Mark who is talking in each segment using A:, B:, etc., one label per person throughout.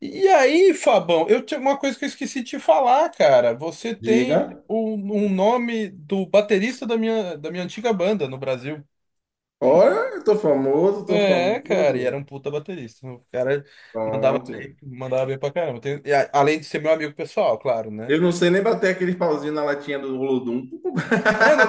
A: E aí, Fabão, eu tinha uma coisa que eu esqueci de te falar, cara. Você tem
B: Diga.
A: um nome do baterista da minha antiga banda no Brasil.
B: Olha, eu tô famoso, tô
A: É, cara, e era
B: famoso.
A: um puta baterista. O cara
B: Pronto.
A: mandava bem pra caramba. Além de ser meu amigo pessoal, claro, né?
B: Eu não sei nem bater aquele pauzinho na latinha do Olodum.
A: É, não,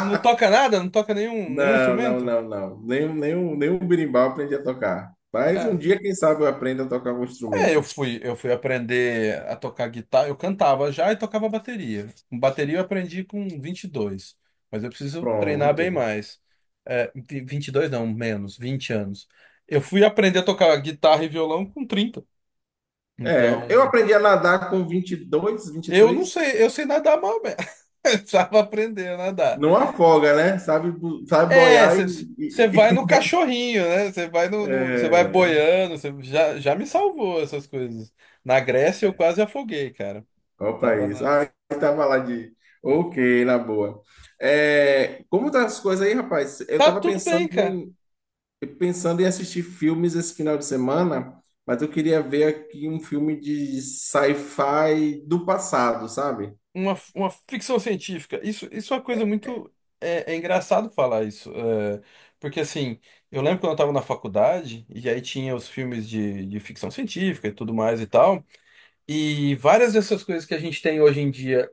A: não toca nada, não toca nenhum
B: Não, não,
A: instrumento?
B: não, não. Nem o berimbau eu aprendi a tocar. Mas um dia, quem sabe, eu aprendo a tocar algum
A: É, eu
B: instrumento.
A: fui, eu fui aprender a tocar guitarra, eu cantava já e tocava bateria. Bateria eu aprendi com 22, mas eu preciso treinar bem
B: Pronto.
A: mais. É, 22 não, menos, 20 anos. Eu fui aprender a tocar guitarra e violão com 30.
B: Eu
A: Então,
B: aprendi a nadar com 22,
A: eu não
B: três.
A: sei, eu sei nadar mal mesmo. Eu precisava aprender a nadar.
B: Não afoga, né? Sabe, sabe
A: É,
B: boiar e
A: você
B: e-
A: vai no
B: e-
A: cachorrinho, né? Você vai no, você vai
B: É.
A: boiando, você já me salvou essas coisas. Na Grécia eu quase afoguei, cara.
B: Qual
A: Tava
B: país?
A: na
B: Ah, estava lá de. Ok, na boa. Como tá as coisas aí, rapaz? Eu
A: Tá
B: estava
A: tudo bem, cara.
B: pensando em assistir filmes esse final de semana, mas eu queria ver aqui um filme de sci-fi do passado, sabe?
A: Uma ficção científica. Isso é uma coisa muito. É engraçado falar isso. Porque, assim, eu lembro quando eu tava na faculdade, e aí tinha os filmes de ficção científica e tudo mais e tal. E várias dessas coisas que a gente tem hoje em dia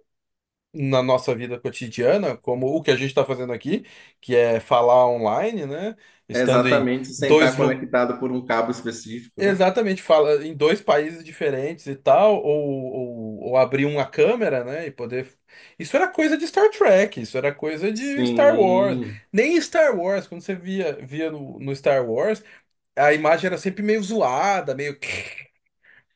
A: na nossa vida cotidiana, como o que a gente está fazendo aqui, que é falar online, né? Estando em
B: Exatamente, sem estar
A: dois, lu-.
B: conectado por um cabo específico, né?
A: Exatamente, fala em dois países diferentes e tal, ou, ou abrir uma câmera, né, e poder. Isso era coisa de Star Trek, isso era coisa de Star Wars.
B: Sim,
A: Nem Star Wars, quando você via no Star Wars, a imagem era sempre meio zoada, meio.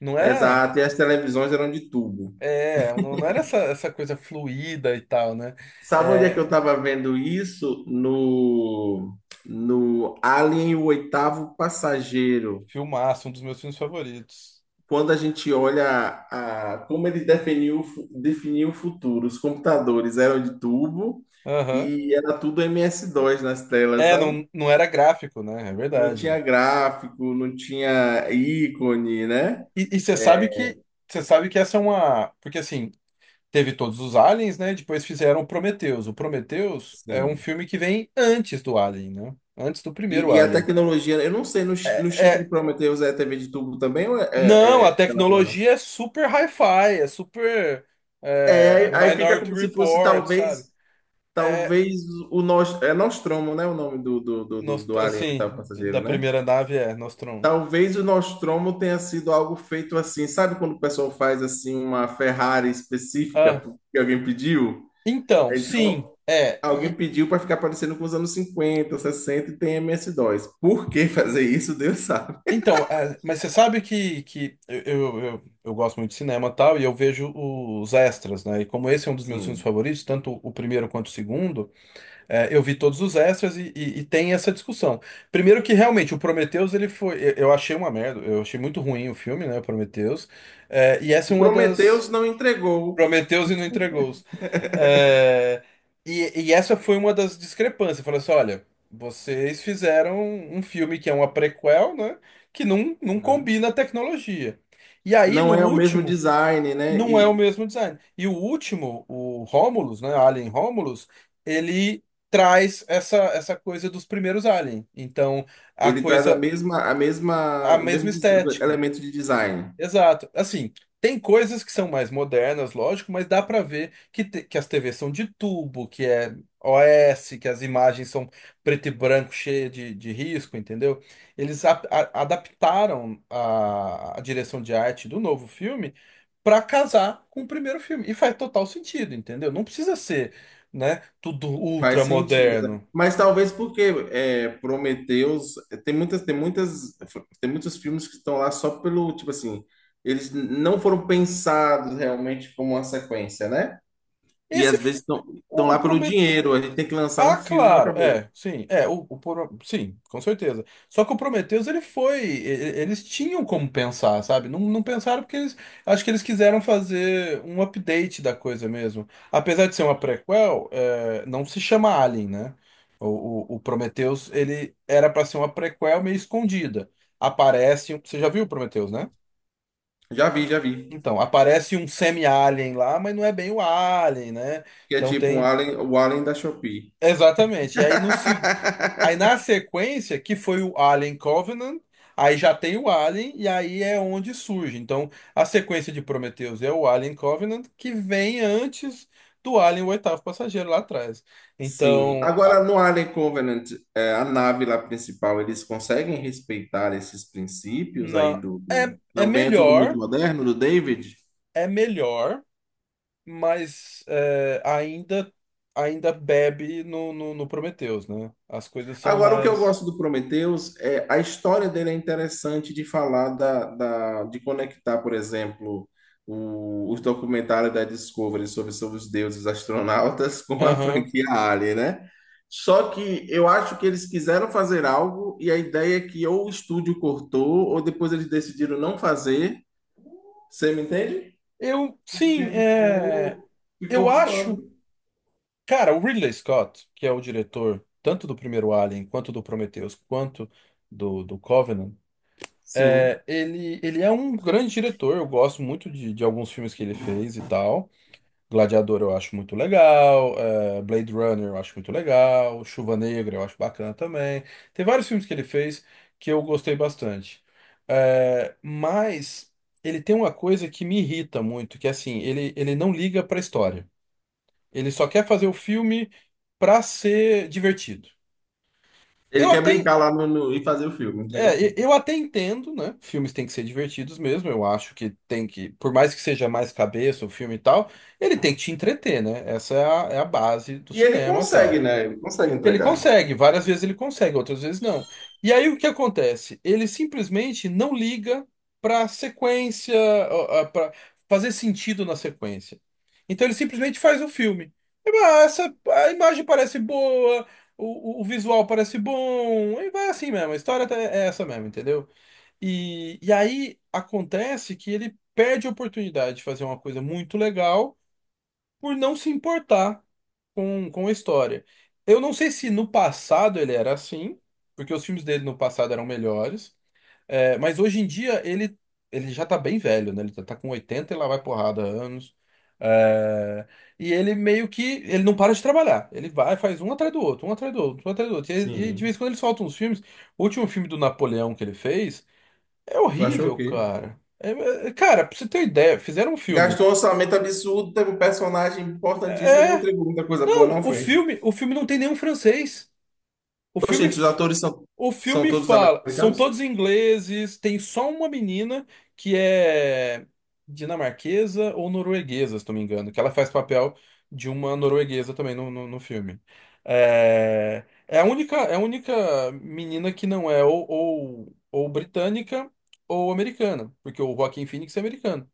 A: Não era.
B: exato. E as televisões eram de tubo.
A: É, não era essa coisa fluida e tal, né?
B: Sabe onde é que eu
A: É,
B: estava vendo isso? No, no Alien, o oitavo passageiro.
A: filmaço, um dos meus filmes favoritos.
B: Quando a gente olha a, como ele definiu, definiu o futuro. Os computadores eram de tubo
A: Aham.
B: e era tudo MS-DOS nas telas,
A: É,
B: sabe?
A: não, não era gráfico, né? É
B: Não
A: verdade.
B: tinha gráfico, não tinha ícone, né?
A: E você sabe que. Você sabe que essa é uma. Porque assim. Teve todos os Aliens, né? Depois fizeram o Prometheus. O Prometheus é um
B: Sim.
A: filme que vem antes do Alien, né? Antes do primeiro
B: E a
A: Alien.
B: tecnologia, eu não sei,
A: É,
B: no chip de
A: é-
B: Prometheus é TV de tubo também ou
A: Não,
B: é
A: a
B: tela plana?
A: tecnologia é super hi-fi, é super
B: É, aí fica
A: Minority
B: como se fosse
A: Report, sabe?
B: talvez,
A: É,
B: talvez é Nostromo, né? O nome do alien, o oitavo
A: Assim,
B: passageiro,
A: da
B: né?
A: primeira nave é Nostromo.
B: Talvez o Nostromo tenha sido algo feito assim, sabe quando o pessoal faz assim uma Ferrari específica
A: Ah,
B: porque alguém pediu?
A: então, sim,
B: Então,
A: é.
B: alguém pediu para ficar parecendo com os anos 50, 60 e tem MS-DOS. Por que fazer isso, Deus sabe.
A: Então, é, mas você sabe que eu gosto muito de cinema e tal, e eu vejo os extras, né? E como esse é um dos meus filmes
B: Sim.
A: favoritos, tanto o primeiro quanto o segundo, é, eu vi todos os extras e tem essa discussão. Primeiro que realmente o Prometheus, ele foi. Eu achei uma merda, eu achei muito ruim o filme, né? O Prometheus. É, e essa é
B: O
A: uma das.
B: Prometheus não entregou,
A: Prometeu-os e não entregou-os. É, e essa foi uma das discrepâncias. Falou assim: olha, vocês fizeram um filme que é uma prequel, né? Que não
B: né?
A: combina a tecnologia. E aí, no
B: Não é o mesmo
A: último,
B: design, né?
A: não é o
B: E
A: mesmo design. E o último, o Romulus, né? Alien Romulus, ele traz essa coisa dos primeiros Alien. Então, a
B: ele traz a
A: coisa,
B: mesma,
A: a
B: o
A: mesma
B: mesmo
A: estética.
B: elemento de design.
A: Exato. Assim, tem coisas que são mais modernas, lógico, mas dá pra ver que, que as TVs são de tubo, que é OS, que as imagens são preto e branco, cheia de risco, entendeu? Eles adaptaram a direção de arte do novo filme pra casar com o primeiro filme. E faz total sentido, entendeu? Não precisa ser, né, tudo
B: Faz
A: ultra
B: sentido, né?
A: moderno.
B: Mas talvez porque é, Prometheus tem muitas, tem muitos filmes que estão lá só pelo, tipo assim, eles não foram pensados realmente como uma sequência, né? E
A: Esse,
B: às
A: é
B: vezes estão
A: o,
B: lá
A: o
B: pelo dinheiro,
A: Prometeu.
B: a gente tem que lançar
A: Ah,
B: um filme e
A: claro,
B: acabou.
A: é, sim, é, sim, com certeza. Só que o Prometheus, ele foi, eles tinham como pensar, sabe? Não, não pensaram porque eles, acho que eles quiseram fazer um update da coisa mesmo. Apesar de ser uma prequel, é, não se chama Alien, né? O Prometheus, ele era para ser uma prequel meio escondida. Aparece, você já viu o Prometheus, né?
B: Já vi, já vi.
A: Então, aparece um semi-alien lá, mas não é bem o Alien, né?
B: Que é
A: Então
B: tipo um
A: tem,
B: Alien, o Alien da Shopee.
A: exatamente, e aí no segundo aí na sequência, que foi o Alien Covenant, aí já tem o Alien, e aí é onde surge. Então, a sequência de Prometheus é o Alien Covenant, que vem antes do Alien, o oitavo passageiro lá atrás.
B: Sim.
A: Então,
B: Agora, no Alien Covenant, é, a nave lá principal, eles conseguem respeitar esses princípios aí
A: não, é, é
B: Também é tudo muito
A: melhor,
B: moderno, do David?
A: é melhor, mas é, ainda bebe no Prometheus, né? As coisas são
B: Agora, o que eu
A: mais.
B: gosto do Prometheus é a história dele é interessante de falar de conectar, por exemplo, os documentários da Discovery sobre os deuses astronautas com a
A: Aham.
B: franquia Alien, né? Só que eu acho que eles quiseram fazer algo e a ideia é que ou o estúdio cortou ou depois eles decidiram não fazer. Você me entende?
A: Eu, sim,
B: Porque
A: é.
B: ficou,
A: Eu
B: ficou
A: acho.
B: voando.
A: Cara, o Ridley Scott, que é o diretor tanto do primeiro Alien, quanto do Prometheus, quanto do Covenant,
B: Sim.
A: é, ele é um grande diretor. Eu gosto muito de alguns filmes que ele fez e tal. Gladiador eu acho muito legal, é, Blade Runner eu acho muito legal, Chuva Negra eu acho bacana também. Tem vários filmes que ele fez que eu gostei bastante. É, mas ele tem uma coisa que me irrita muito, que é assim, ele não liga pra história. Ele só quer fazer o filme pra ser divertido.
B: Ele
A: Eu
B: quer
A: até,
B: brincar lá e fazer o filme, entregar o filme.
A: eu até entendo, né? Filmes têm que ser divertidos mesmo. Eu acho que tem que, por mais que seja mais cabeça o filme e tal, ele tem que te entreter, né? Essa é a base do
B: E ele
A: cinema e
B: consegue,
A: tal.
B: né? Ele consegue
A: Ele
B: entregar.
A: consegue, várias vezes ele consegue, outras vezes não. E aí o que acontece? Ele simplesmente não liga para sequência, para fazer sentido na sequência. Então ele simplesmente faz o filme. E, ah, a imagem parece boa, o visual parece bom, e vai assim mesmo, a história é essa mesmo, entendeu? E aí acontece que ele perde a oportunidade de fazer uma coisa muito legal por não se importar com a história. Eu não sei se no passado ele era assim, porque os filmes dele no passado eram melhores, é, mas hoje em dia ele já tá bem velho, né? Ele tá com 80 e lá vai porrada anos. É, e ele meio que ele não para de trabalhar. Ele vai, faz um atrás do outro, um atrás do outro, um atrás do outro. E de
B: Sim.
A: vez em quando ele solta uns filmes. O último filme do Napoleão que ele fez é
B: Tu achou o
A: horrível,
B: quê?
A: cara. É, cara, pra você ter ideia, fizeram um filme.
B: Gastou um orçamento absurdo, teve um personagem importantíssimo e não
A: É,
B: entregou muita coisa boa,
A: não,
B: não
A: o
B: foi?
A: filme, o filme não tem nenhum francês. O filme,
B: Gente, os
A: f-
B: atores são,
A: o
B: são
A: filme
B: todos
A: fala, são
B: americanos?
A: todos ingleses, tem só uma menina que é dinamarquesa ou norueguesa, se não me engano, que ela faz papel de uma norueguesa também no filme. É, é a única menina que não é ou, ou britânica ou americana, porque o Joaquin Phoenix é americano.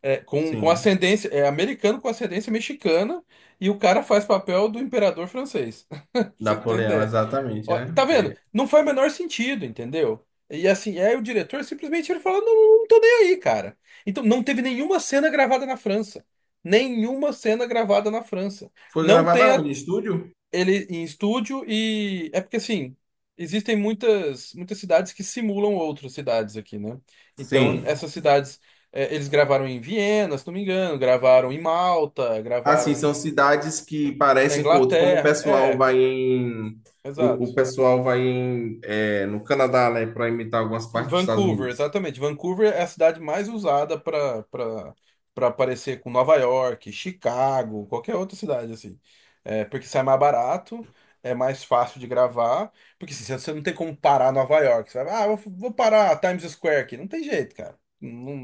A: É, com
B: Sim.
A: ascendência, é americano com ascendência mexicana e o cara faz papel do imperador francês. Pra você tem
B: Napoleão,
A: ideia.
B: exatamente,
A: Ó,
B: né?
A: tá vendo?
B: É.
A: Não faz o menor sentido, entendeu? E assim, aí o diretor simplesmente ele fala: não, não tô nem aí, cara. Então não teve nenhuma cena gravada na França. Nenhuma cena gravada na França.
B: Foi
A: Não tem
B: gravada onde? Em estúdio?
A: ele em estúdio e é porque assim, existem muitas muitas cidades que simulam outras cidades aqui, né? Então,
B: Sim.
A: essas cidades é, eles gravaram em Viena, se não me engano, gravaram em Malta,
B: Assim,
A: gravaram
B: são cidades que
A: na
B: parecem com outros. Como o
A: Inglaterra.
B: pessoal
A: É,
B: vai em. O
A: exato.
B: pessoal vai em, é, no Canadá, né? Para imitar algumas
A: Em
B: partes dos Estados
A: Vancouver,
B: Unidos.
A: exatamente. Vancouver é a cidade mais usada para aparecer com Nova York, Chicago, qualquer outra cidade assim. É, porque sai mais barato, é mais fácil de gravar, porque assim, você não tem como parar Nova York. Você vai, ah, eu vou parar Times Square aqui. Não tem jeito, cara. Não,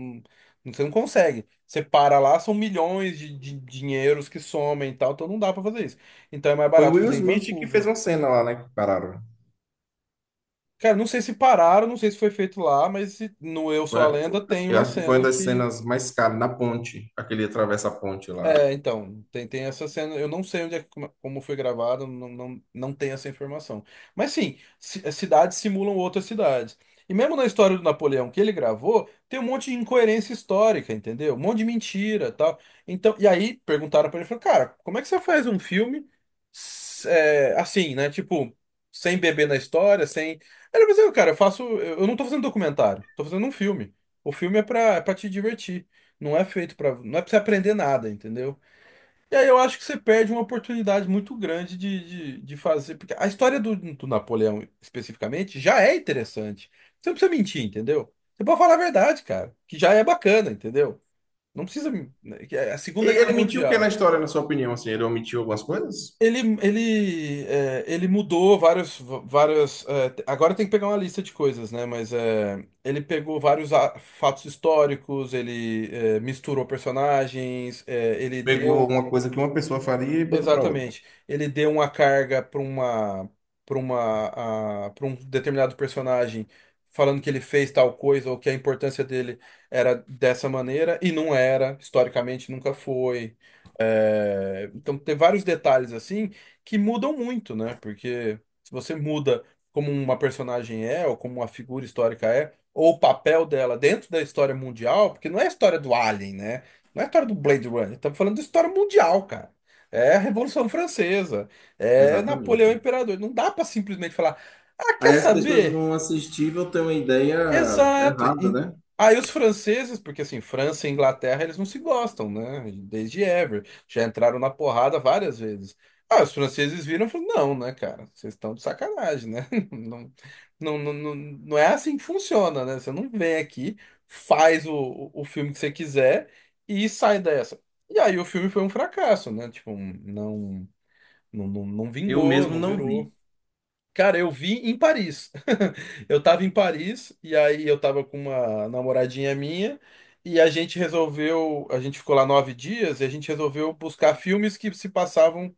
A: você não consegue. Você para lá, são milhões de dinheiros que somem e tal, então não dá para fazer isso. Então é mais
B: Foi o
A: barato
B: Will
A: fazer em
B: Smith que fez
A: Vancouver.
B: uma cena lá, né? Que pararam.
A: Cara, não sei se pararam, não sei se foi feito lá, mas no Eu
B: Foi-
A: Sou a Lenda tem
B: Eu
A: uma
B: acho que foi uma
A: cena
B: das
A: que
B: cenas mais caras na ponte, aquele atravessa a ponte lá.
A: é, então, tem essa cena. Eu não sei onde é, como foi gravado, não, não, não tenho essa informação. Mas sim, cidades simulam outras cidades. E mesmo na história do Napoleão que ele gravou, tem um monte de incoerência histórica, entendeu? Um monte de mentira, tal. Então, e aí perguntaram pra ele, falou, cara, como é que você faz um filme assim, né? Tipo, sem beber na história, sem. Ele falou assim, cara, eu faço, eu não tô fazendo documentário, tô fazendo um filme. O filme é pra te divertir. Não é feito para, não é para você aprender nada, entendeu? E aí eu acho que você perde uma oportunidade muito grande de fazer, porque a história do Napoleão especificamente já é interessante. Você não precisa mentir, entendeu? Você pode falar a verdade, cara, que já é bacana, entendeu? Não precisa, né, que é a
B: E
A: Segunda Guerra
B: ele mentiu o que na
A: Mundial.
B: história, na sua opinião? Assim, ele omitiu algumas coisas?
A: Ele, ele mudou vários, várias. Agora tem que pegar uma lista de coisas, né? Mas é, ele pegou vários fatos históricos, ele misturou personagens, é, ele
B: Pegou
A: deu.
B: uma coisa que uma pessoa faria e botou para outra.
A: Exatamente. Ele deu uma carga para uma, para uma, para um determinado personagem, falando que ele fez tal coisa ou que a importância dele era dessa maneira, e não era, historicamente nunca foi. É, então tem vários detalhes assim que mudam muito, né? Porque se você muda como uma personagem é, ou como uma figura histórica é, ou o papel dela dentro da história mundial, porque não é a história do Alien, né? Não é a história do Blade Runner, estamos falando da história mundial, cara. É a Revolução Francesa, é
B: Exatamente.
A: Napoleão Imperador. Não dá para simplesmente falar, ah, quer
B: Aí as pessoas
A: saber?
B: vão assistir e vão ter uma ideia
A: Exato.
B: errada, né?
A: Aí os franceses, porque assim, França e Inglaterra, eles não se gostam, né? Desde ever. Já entraram na porrada várias vezes. Ah, os franceses viram e falaram, não, né, cara? Vocês estão de sacanagem, né? Não, não, não, não, não é assim que funciona, né? Você não vem aqui, faz o filme que você quiser e sai dessa. E aí o filme foi um fracasso, né? Tipo, não, não, não, não
B: Eu
A: vingou,
B: mesmo
A: não
B: não
A: virou.
B: vi.
A: Cara, eu vi em Paris. Eu tava em Paris e aí eu tava com uma namoradinha minha e a gente resolveu, a gente ficou lá 9 dias e a gente resolveu buscar filmes que se passavam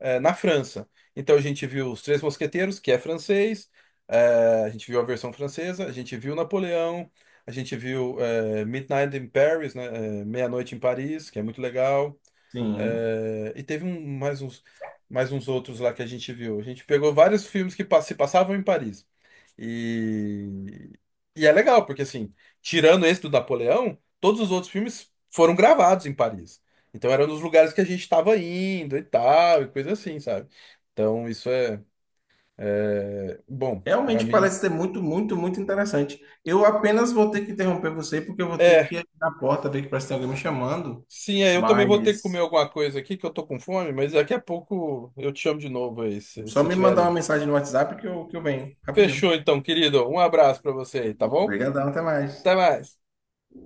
A: na França. Então a gente viu Os Três Mosqueteiros, que é francês, a gente viu a versão francesa, a gente viu Napoleão, a gente viu Midnight in Paris, né, Meia-Noite em Paris, que é muito legal.
B: Sim.
A: É, e teve mais uns outros lá que a gente viu. A gente pegou vários filmes que se passavam em Paris. E, e é legal, porque assim, tirando esse do Napoleão, todos os outros filmes foram gravados em Paris. Então era nos lugares que a gente estava indo e tal, e coisa assim, sabe? Então isso é bom pra
B: Realmente
A: mim.
B: parece ser muito, muito, muito interessante. Eu apenas vou ter que interromper você porque eu vou ter que
A: É,
B: ir na porta ver que parece que tem alguém me chamando.
A: sim, é, eu também vou ter que comer
B: Mas
A: alguma coisa aqui, que eu tô com fome, mas daqui a pouco eu te chamo de novo aí, se
B: só
A: você
B: me
A: estiver
B: mandar uma
A: livre.
B: mensagem no WhatsApp que eu venho. Rapidinho.
A: Fechou então, querido. Um abraço pra você aí, tá bom?
B: Obrigadão, até mais.
A: Até mais.